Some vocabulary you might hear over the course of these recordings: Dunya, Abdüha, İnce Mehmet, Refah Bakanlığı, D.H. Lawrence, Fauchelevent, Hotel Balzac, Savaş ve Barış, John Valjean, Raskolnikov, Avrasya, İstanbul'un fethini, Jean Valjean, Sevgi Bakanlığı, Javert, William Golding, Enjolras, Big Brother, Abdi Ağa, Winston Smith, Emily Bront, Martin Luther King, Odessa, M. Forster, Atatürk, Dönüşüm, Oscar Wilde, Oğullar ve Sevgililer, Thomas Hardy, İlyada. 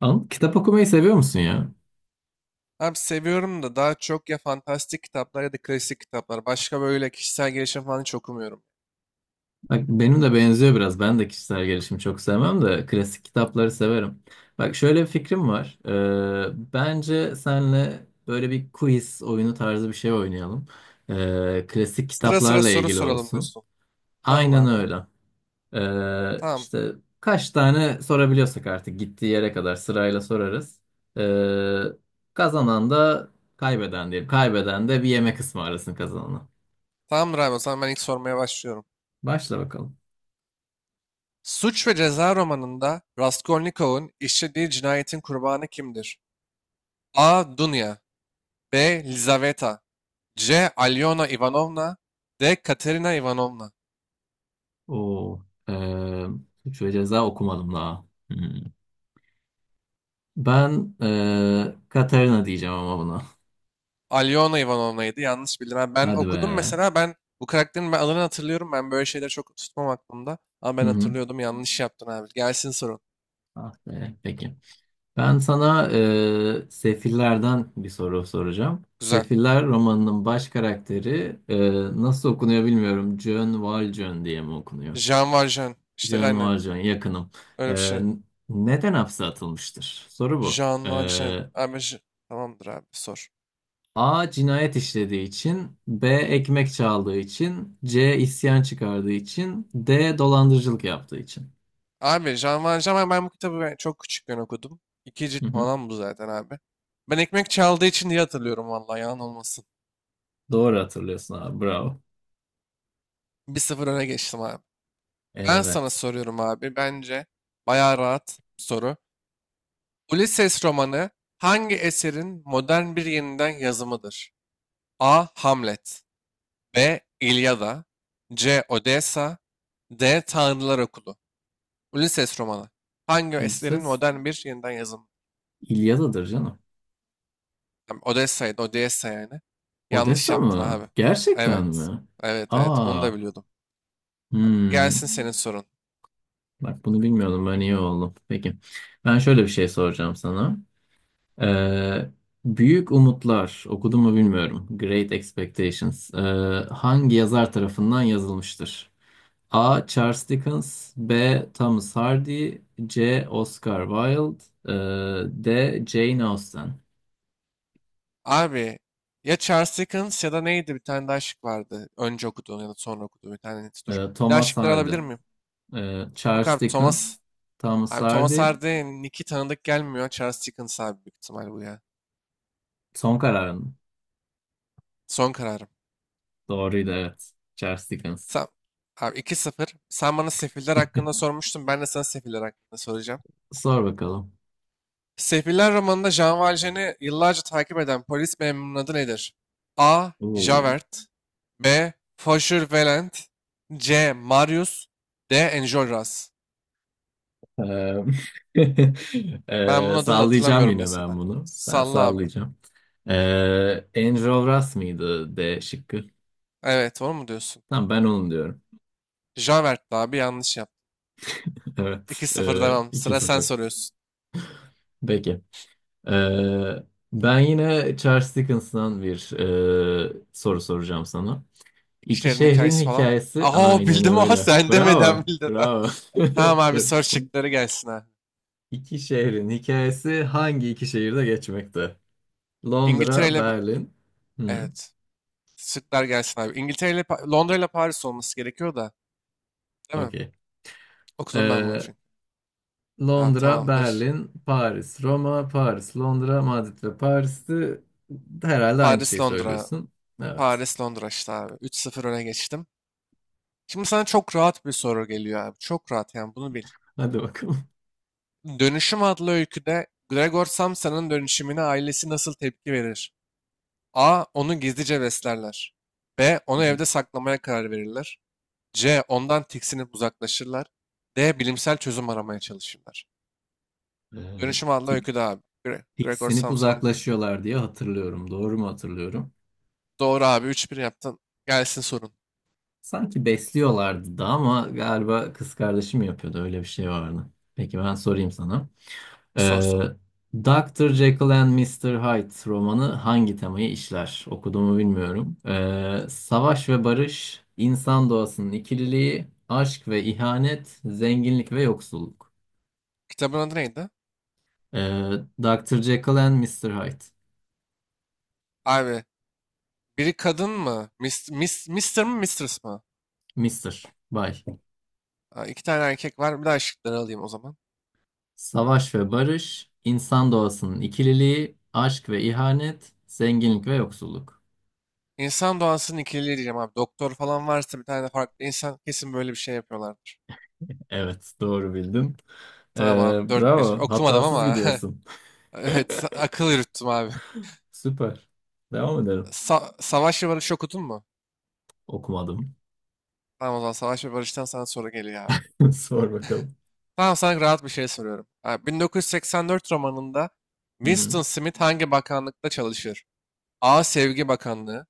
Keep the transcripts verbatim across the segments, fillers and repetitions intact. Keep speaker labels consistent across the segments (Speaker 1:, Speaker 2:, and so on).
Speaker 1: Anıl, kitap okumayı seviyor musun ya?
Speaker 2: Abi seviyorum da daha çok ya fantastik kitaplar ya da klasik kitaplar. Başka böyle kişisel gelişim falan hiç okumuyorum.
Speaker 1: Bak benim de benziyor biraz. Ben de kişisel gelişimi çok sevmem de klasik kitapları severim. Bak şöyle bir fikrim var. Ee, bence senle böyle bir quiz oyunu tarzı bir şey oynayalım. Ee, klasik
Speaker 2: Sıra sıra
Speaker 1: kitaplarla
Speaker 2: soru
Speaker 1: ilgili
Speaker 2: soralım
Speaker 1: olsun.
Speaker 2: diyorsun. Tamam
Speaker 1: Aynen
Speaker 2: abi.
Speaker 1: öyle. Ee,
Speaker 2: Tamam.
Speaker 1: işte kaç tane sorabiliyorsak artık gittiği yere kadar sırayla sorarız. Ee, kazanan da kaybeden diyelim. Kaybeden de bir yemek ısmarlasın kazanana.
Speaker 2: Tamamdır abi, o zaman ben ilk sormaya başlıyorum.
Speaker 1: Başla bakalım.
Speaker 2: Suç ve Ceza romanında Raskolnikov'un işlediği cinayetin kurbanı kimdir? A. Dunya. B. Lizaveta. C. Alyona Ivanovna. D. Katerina Ivanovna.
Speaker 1: O, eee Suç ve Ceza okumadım daha. Hmm. Ben eee Katarina diyeceğim ama buna.
Speaker 2: Alyona Ivanovna'ydı. Yanlış bildim. Ha, ben
Speaker 1: Hadi be.
Speaker 2: okudum mesela, ben bu karakterin ben adını hatırlıyorum. Ben böyle şeyleri çok tutmam aklımda. Ama
Speaker 1: Hı
Speaker 2: ben
Speaker 1: hı.
Speaker 2: hatırlıyordum. Yanlış yaptın abi. Gelsin sorun.
Speaker 1: Ah be. Peki. Ben sana, eee, Sefiller'den bir soru soracağım.
Speaker 2: Güzel.
Speaker 1: Sefiller romanının baş karakteri, eee, nasıl okunuyor bilmiyorum. John Valjean diye mi okunuyor?
Speaker 2: Jean Valjean. İşte
Speaker 1: John
Speaker 2: aynen.
Speaker 1: Valjean yakınım.
Speaker 2: Öyle bir
Speaker 1: Eee,
Speaker 2: şey.
Speaker 1: neden hapse atılmıştır? Soru bu.
Speaker 2: Jean Valjean. Abi J- tamamdır abi, sor.
Speaker 1: A, cinayet işlediği için; B, ekmek çaldığı için; C, isyan çıkardığı için; D, dolandırıcılık yaptığı için.
Speaker 2: Abi Jean Valjean ben, ben bu kitabı ben çok küçükken okudum. İki cilt
Speaker 1: Hı hı.
Speaker 2: falan bu zaten abi. Ben ekmek çaldığı için diye hatırlıyorum, vallahi yalan olmasın.
Speaker 1: Doğru hatırlıyorsun abi. Bravo.
Speaker 2: Bir sıfır öne geçtim abi. Ben sana
Speaker 1: Evet.
Speaker 2: soruyorum abi. Bence bayağı rahat bir soru. Ulises romanı hangi eserin modern bir yeniden yazımıdır? A. Hamlet. B. İlyada. C. Odessa. D. Tanrılar Okulu. Ulises romanı hangi eserin
Speaker 1: Ulises
Speaker 2: modern bir yeniden yazımı?
Speaker 1: İlyada'dır canım.
Speaker 2: Tam Odessa'ydı, Odessa yani. Yanlış
Speaker 1: Odessa
Speaker 2: yaptın
Speaker 1: mı?
Speaker 2: abi.
Speaker 1: Gerçekten
Speaker 2: Evet.
Speaker 1: mi?
Speaker 2: Evet, evet. Bunu
Speaker 1: Aa.
Speaker 2: da biliyordum. Abi, gelsin
Speaker 1: Hmm.
Speaker 2: senin sorun.
Speaker 1: Bak bunu bilmiyordum. Ben iyi oldum. Peki. Ben şöyle bir şey soracağım sana. Ee, Büyük Umutlar okudun mu bilmiyorum. Great Expectations. Ee, hangi yazar tarafından yazılmıştır? A. Charles Dickens, B. Thomas Hardy, C. Oscar Wilde, e, D. Jane Austen.
Speaker 2: Abi, ya Charles Dickens ya da neydi? Bir tane daha şık vardı. Önce okuduğun ya da sonra okuduğun bir tane. Dur.
Speaker 1: E,
Speaker 2: Bir daha
Speaker 1: Thomas
Speaker 2: şıkları
Speaker 1: Hardy.
Speaker 2: alabilir miyim?
Speaker 1: E,
Speaker 2: Yok
Speaker 1: Charles
Speaker 2: abi Thomas.
Speaker 1: Dickens. Thomas
Speaker 2: Abi Thomas
Speaker 1: Hardy.
Speaker 2: Hardy, Nick'i tanıdık gelmiyor. Charles Dickens abi, büyük ihtimal bu ya.
Speaker 1: Son kararın
Speaker 2: Son kararım.
Speaker 1: doğruydu, evet, Charles Dickens.
Speaker 2: Sen, abi iki sıfır. Sen bana Sefiller hakkında sormuştun, ben de sana Sefiller hakkında soracağım.
Speaker 1: Sor bakalım.
Speaker 2: Sefiller romanında Jean Valjean'i yıllarca takip eden polis memurunun adı nedir? A.
Speaker 1: Oo.
Speaker 2: Javert. B. Fauchelevent. C. Marius. D. Enjolras.
Speaker 1: E,
Speaker 2: Ben bunun
Speaker 1: e,
Speaker 2: adını
Speaker 1: sallayacağım,
Speaker 2: hatırlamıyorum
Speaker 1: yine ben
Speaker 2: mesela.
Speaker 1: bunu ben
Speaker 2: Salla abi.
Speaker 1: sallayacağım. e, Andrew Ross mıydı D şıkkı?
Speaker 2: Evet, onu mu diyorsun?
Speaker 1: Tamam, ben onu diyorum.
Speaker 2: Javert'ti abi, yanlış yaptın.
Speaker 1: Evet,
Speaker 2: 2
Speaker 1: e,
Speaker 2: sıfır devam. Sıra sen
Speaker 1: iki sıfır.
Speaker 2: soruyorsun.
Speaker 1: Peki. Ee, ben yine Charles Dickens'dan bir, e, soru soracağım sana.
Speaker 2: İki
Speaker 1: İki
Speaker 2: şehrin
Speaker 1: şehrin
Speaker 2: hikayesi falan mı?
Speaker 1: hikayesi,
Speaker 2: Aha,
Speaker 1: aynen
Speaker 2: bildim ama
Speaker 1: öyle.
Speaker 2: sen
Speaker 1: Bravo,
Speaker 2: demeden bildin.
Speaker 1: bravo.
Speaker 2: Tamam abi,
Speaker 1: Dur.
Speaker 2: soru şıkları gelsin abi.
Speaker 1: İki şehrin hikayesi hangi iki şehirde geçmekte?
Speaker 2: İngiltere
Speaker 1: Londra,
Speaker 2: ile...
Speaker 1: Berlin. Hı,
Speaker 2: Evet. Şıklar gelsin abi. İngiltere ile... Pa- Londra ile Paris olması gerekiyor da. Değil mi?
Speaker 1: okey.
Speaker 2: Okudum ben bunu
Speaker 1: Ee,
Speaker 2: çünkü. Abi
Speaker 1: Londra,
Speaker 2: tamamdır.
Speaker 1: Berlin, Paris, Roma, Paris, Londra, Madrid ve Paris'ti. Herhalde aynı
Speaker 2: Paris
Speaker 1: şeyi
Speaker 2: Londra.
Speaker 1: söylüyorsun. Evet.
Speaker 2: Paris Londra işte abi. üç sıfır öne geçtim. Şimdi sana çok rahat bir soru geliyor abi. Çok rahat, yani bunu bil.
Speaker 1: Hadi bakalım.
Speaker 2: Dönüşüm adlı öyküde Gregor Samsa'nın dönüşümüne ailesi nasıl tepki verir? A. Onu gizlice beslerler. B.
Speaker 1: Hı
Speaker 2: Onu
Speaker 1: hı.
Speaker 2: evde saklamaya karar verirler. C. Ondan tiksinip uzaklaşırlar. D. Bilimsel çözüm aramaya çalışırlar.
Speaker 1: Ee,
Speaker 2: Dönüşüm adlı
Speaker 1: tik,
Speaker 2: öyküde abi. Gre- Gregor
Speaker 1: tiksinip
Speaker 2: Samson.
Speaker 1: uzaklaşıyorlar diye hatırlıyorum. Doğru mu hatırlıyorum?
Speaker 2: Doğru abi. üç bir yaptın. Gelsin sorun.
Speaker 1: Sanki besliyorlardı da, ama galiba kız kardeşim yapıyordu. Öyle bir şey vardı. Peki, ben sorayım sana.
Speaker 2: Sor
Speaker 1: Ee,
Speaker 2: sor.
Speaker 1: doktor Jekyll and mister Hyde romanı hangi temayı işler? Okuduğumu bilmiyorum. Ee, savaş ve barış, insan doğasının ikililiği, aşk ve ihanet, zenginlik ve yoksulluk.
Speaker 2: Kitabın adı neydi?
Speaker 1: Ee, doktor Jekyll and mister Hyde.
Speaker 2: Abi, biri kadın mı? Mis, mis, mister mı, Mistress mı?
Speaker 1: mister Bay.
Speaker 2: Ha, iki tane erkek var. Bir daha şıkları alayım o zaman.
Speaker 1: Savaş ve barış, insan doğasının ikililiği, aşk ve ihanet, zenginlik ve yoksulluk.
Speaker 2: İnsan doğasının ikiliği diyeceğim abi. Doktor falan varsa bir tane de farklı insan, kesin böyle bir şey yapıyorlardır.
Speaker 1: Evet, doğru bildim. Ee,
Speaker 2: Tamam abi, dört bir.
Speaker 1: bravo,
Speaker 2: Okumadım
Speaker 1: hatasız
Speaker 2: ama
Speaker 1: gidiyorsun.
Speaker 2: Evet, akıl yürüttüm abi.
Speaker 1: Süper. Devam edelim.
Speaker 2: Sa- Savaş ve Barış okudun mu?
Speaker 1: Okumadım.
Speaker 2: Tamam, o zaman Savaş ve Barış'tan sana soru geliyor abi.
Speaker 1: Sor bakalım.
Speaker 2: Tamam, sana rahat bir şey soruyorum. Abi, bin dokuz yüz seksen dört romanında
Speaker 1: Hı-hı.
Speaker 2: Winston Smith hangi bakanlıkta çalışır? A. Sevgi Bakanlığı.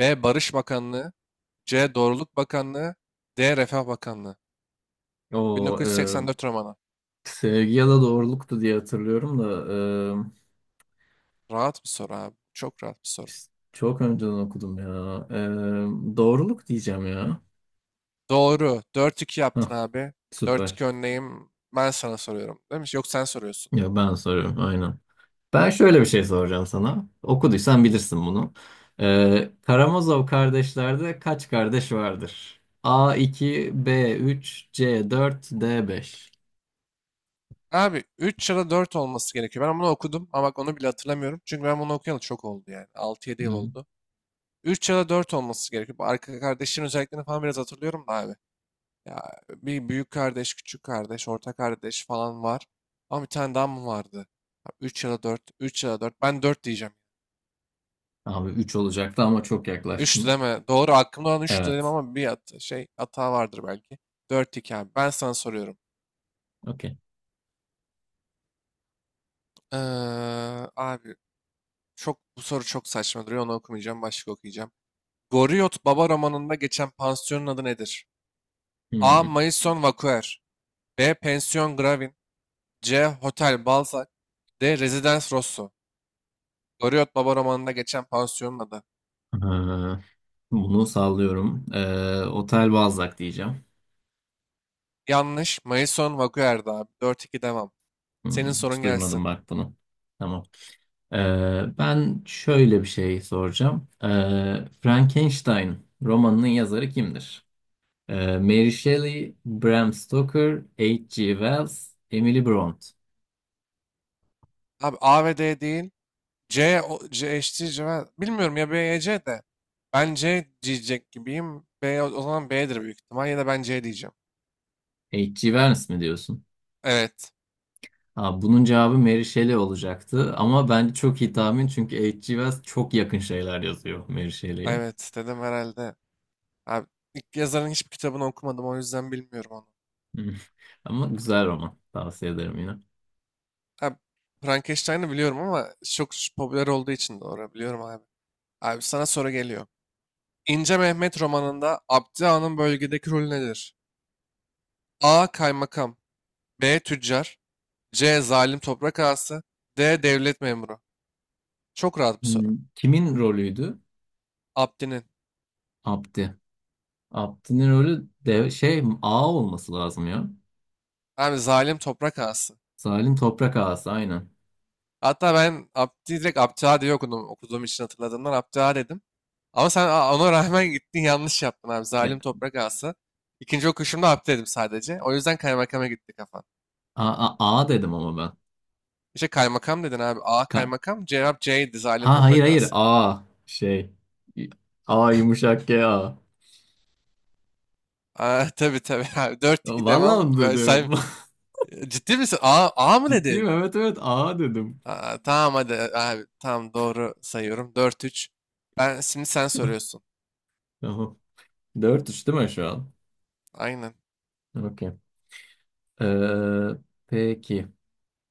Speaker 2: B. Barış Bakanlığı. C. Doğruluk Bakanlığı. D. Refah Bakanlığı.
Speaker 1: O, e,
Speaker 2: bin dokuz yüz seksen dört romanı.
Speaker 1: sevgi ya da doğruluktu diye hatırlıyorum da, e,
Speaker 2: Rahat bir soru abi. Çok rahat bir soru.
Speaker 1: çok önceden okudum ya. E, doğruluk diyeceğim ya.
Speaker 2: Doğru. Dört iki
Speaker 1: Hah,
Speaker 2: yaptın abi. Dört iki
Speaker 1: süper.
Speaker 2: önleyim. Ben sana soruyorum. Değil mi? Yok, sen soruyorsun.
Speaker 1: Ya ben soruyorum, aynen. Ben şöyle bir şey soracağım sana. Okuduysan bilirsin bunu. E, Karamazov kardeşlerde kaç kardeş vardır? A, iki; B, üç; C, dört; D, beş.
Speaker 2: Abi üç ya da dört olması gerekiyor. Ben bunu okudum ama bak, onu bile hatırlamıyorum. Çünkü ben bunu okuyalı çok oldu yani. Altı yedi yıl
Speaker 1: Hı.
Speaker 2: oldu. Üç ya da dört olması gerekiyor. Bu arka kardeşin özelliklerini falan biraz hatırlıyorum da abi. Ya bir büyük kardeş, küçük kardeş, orta kardeş falan var. Ama bir tane daha mı vardı? Üç ya da dört, üç ya da dört. Ben dört diyeceğim.
Speaker 1: Abi üç olacaktı, ama çok
Speaker 2: üç
Speaker 1: yaklaştın.
Speaker 2: deme. Doğru, aklımda olan üç dedim
Speaker 1: Evet.
Speaker 2: ama bir hat şey hata vardır belki. dört iki abi. Ben sana soruyorum.
Speaker 1: Okey.
Speaker 2: Ee, abi, çok bu soru çok saçma duruyor. Onu okumayacağım. Başka okuyacağım. Goriot Baba romanında geçen pansiyonun adı nedir? A.
Speaker 1: Hmm.
Speaker 2: Maison Vaquer. B. Pension Gravin. C. Hotel Balzac. D. Residence Rosso. Goriot Baba romanında geçen pansiyonun adı.
Speaker 1: Ee, bunu sallıyorum. Ee, Otel Balzac diyeceğim.
Speaker 2: Yanlış. Maison Vaquer'di abi. dört iki devam. Senin
Speaker 1: Hmm,
Speaker 2: sorun
Speaker 1: hiç duymadım
Speaker 2: gelsin.
Speaker 1: bak bunu. Tamam. Ee, ben şöyle bir şey soracağım. Ee, Frankenstein romanının yazarı kimdir? Ee, Mary Shelley, Bram Stoker, H G. Wells, Emily Bront.
Speaker 2: Abi, A ve D değil. C, o, C, eşittir cevap. Bilmiyorum ya, B ya C de. Ben C diyecek gibiyim. B, o o zaman B'dir büyük ihtimal. Ya da ben C diyeceğim.
Speaker 1: H G. Wells mi diyorsun?
Speaker 2: Evet.
Speaker 1: Aa, bunun cevabı Mary Shelley olacaktı, ama bence çok iyi tahmin, çünkü H G. Wells çok yakın şeyler yazıyor Mary Shelley'e.
Speaker 2: Evet dedim herhalde. Abi, ilk yazarın hiçbir kitabını okumadım, o yüzden bilmiyorum onu.
Speaker 1: Hmm. Ama güzel roman. Tavsiye ederim yine.
Speaker 2: Abi, Frankenstein'ı biliyorum ama çok popüler olduğu için doğru biliyorum abi. Abi, sana soru geliyor. İnce Mehmet romanında Abdi Ağa'nın bölgedeki rolü nedir? A. Kaymakam. B. Tüccar. C. Zalim toprak ağası. D. Devlet memuru. Çok rahat bir soru.
Speaker 1: Hmm, kimin rolüydü?
Speaker 2: Abdi'nin.
Speaker 1: Abdi. Abdi'nin rolü de şey, A olması lazım ya.
Speaker 2: Abi, zalim toprak ağası.
Speaker 1: Salim Toprak Ağası, aynen.
Speaker 2: Hatta ben Abdi direkt Abdüha diye okudum. Okuduğum için hatırladığımdan Abdüha dedim. Ama sen a- ona rağmen gittin, yanlış yaptın abi.
Speaker 1: E,
Speaker 2: Zalim toprak ağası. İkinci okuyuşumda Abdi dedim sadece. O yüzden kaymakama gitti kafan.
Speaker 1: A, A, A dedim ama ben.
Speaker 2: İşte kaymakam dedin abi. A
Speaker 1: Ka-
Speaker 2: kaymakam. Cevap C'ydi. Zalim
Speaker 1: ha, hayır
Speaker 2: toprak
Speaker 1: hayır,
Speaker 2: ağası.
Speaker 1: A şey. A yumuşak G A.
Speaker 2: Aa, tabii tabii abi. Dört iki
Speaker 1: Vallahi
Speaker 2: devam.
Speaker 1: onu
Speaker 2: Böyle,
Speaker 1: dedim.
Speaker 2: sen ciddi misin? A, A mı
Speaker 1: Ciddiyim,
Speaker 2: dedin?
Speaker 1: evet, evet, A dedim.
Speaker 2: Aa, tamam hadi abi. Tamam, doğru sayıyorum. Dört üç. Ben şimdi, sen soruyorsun.
Speaker 1: Tamam. dört üç değil mi şu an?
Speaker 2: Aynen.
Speaker 1: Okey. Ee, peki.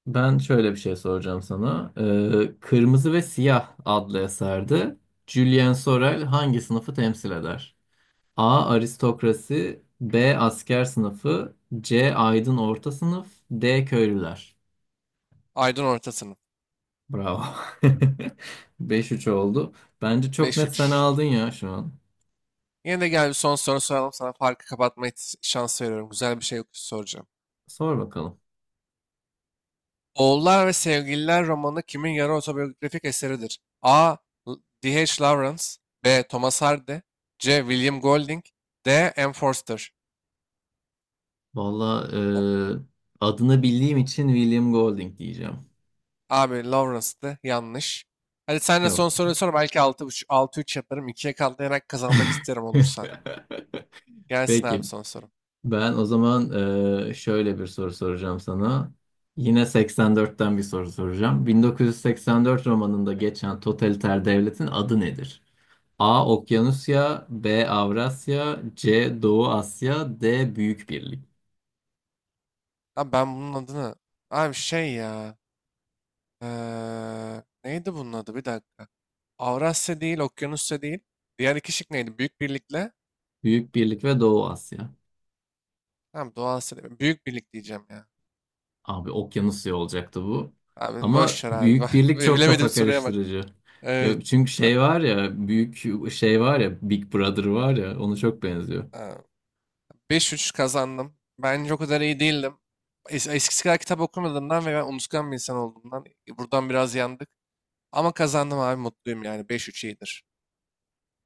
Speaker 1: Ben şöyle bir şey soracağım sana. Ee, Kırmızı ve Siyah adlı eserde Julien Sorel hangi sınıfı temsil eder? A. Aristokrasi, B. Asker sınıfı, C. Aydın orta sınıf, D. Köylüler.
Speaker 2: Aydın orta sınıf.
Speaker 1: Bravo. Beş üç oldu. Bence çok net sen
Speaker 2: beş üç.
Speaker 1: aldın ya şu an.
Speaker 2: Yine de gel, bir son soru soralım. Sana farkı kapatma ihtis- şansı veriyorum. Güzel bir şey soracağım.
Speaker 1: Sor bakalım.
Speaker 2: Oğullar ve Sevgililer romanı kimin yarı otobiyografik eseridir? A. L- D H. Lawrence. B. Thomas Hardy. C. William Golding. D. M. Forster.
Speaker 1: Valla,
Speaker 2: O-
Speaker 1: e, adını bildiğim için William Golding diyeceğim.
Speaker 2: Abi, Lawrence'dı. Yanlış. Hadi, sen de son
Speaker 1: Yok.
Speaker 2: soruyu sor. Belki altı üç, altı üç yaparım. ikiye katlayarak kazanmak isterim olursa. Gelsin abi
Speaker 1: Peki.
Speaker 2: son sorum.
Speaker 1: Ben o zaman, eee, şöyle bir soru soracağım sana. Yine seksen dörtten bir soru soracağım. bin dokuz yüz seksen dört romanında geçen totaliter devletin adı nedir? A. Okyanusya, B. Avrasya, C. Doğu Asya, D. Büyük Birlik.
Speaker 2: Abi ben bunun adını... Abi şey ya... Eee, neydi bunun adı? Bir dakika. Avrasya değil, Okyanusya değil. Diğer iki şık neydi? Büyük Birlik'le.
Speaker 1: Büyük Birlik ve Doğu Asya.
Speaker 2: Tamam, Doğu Asya değil. Büyük Birlik diyeceğim ya.
Speaker 1: Abi Okyanusya olacaktı bu.
Speaker 2: Abi
Speaker 1: Ama
Speaker 2: boş ver abi. Bak,
Speaker 1: Büyük Birlik çok
Speaker 2: bilemedim
Speaker 1: kafa
Speaker 2: soruya bak.
Speaker 1: karıştırıcı.
Speaker 2: Evet.
Speaker 1: Ya, çünkü
Speaker 2: Abi,
Speaker 1: şey var ya, büyük şey var ya, Big Brother var ya, onu çok benziyor.
Speaker 2: ha, beş üç kazandım. Bence o kadar iyi değildim. Es- Eskisi kadar kitap okumadığımdan ve ben unutkan bir insan olduğumdan e, buradan biraz yandık. Ama kazandım abi, mutluyum yani. Beş üç iyidir.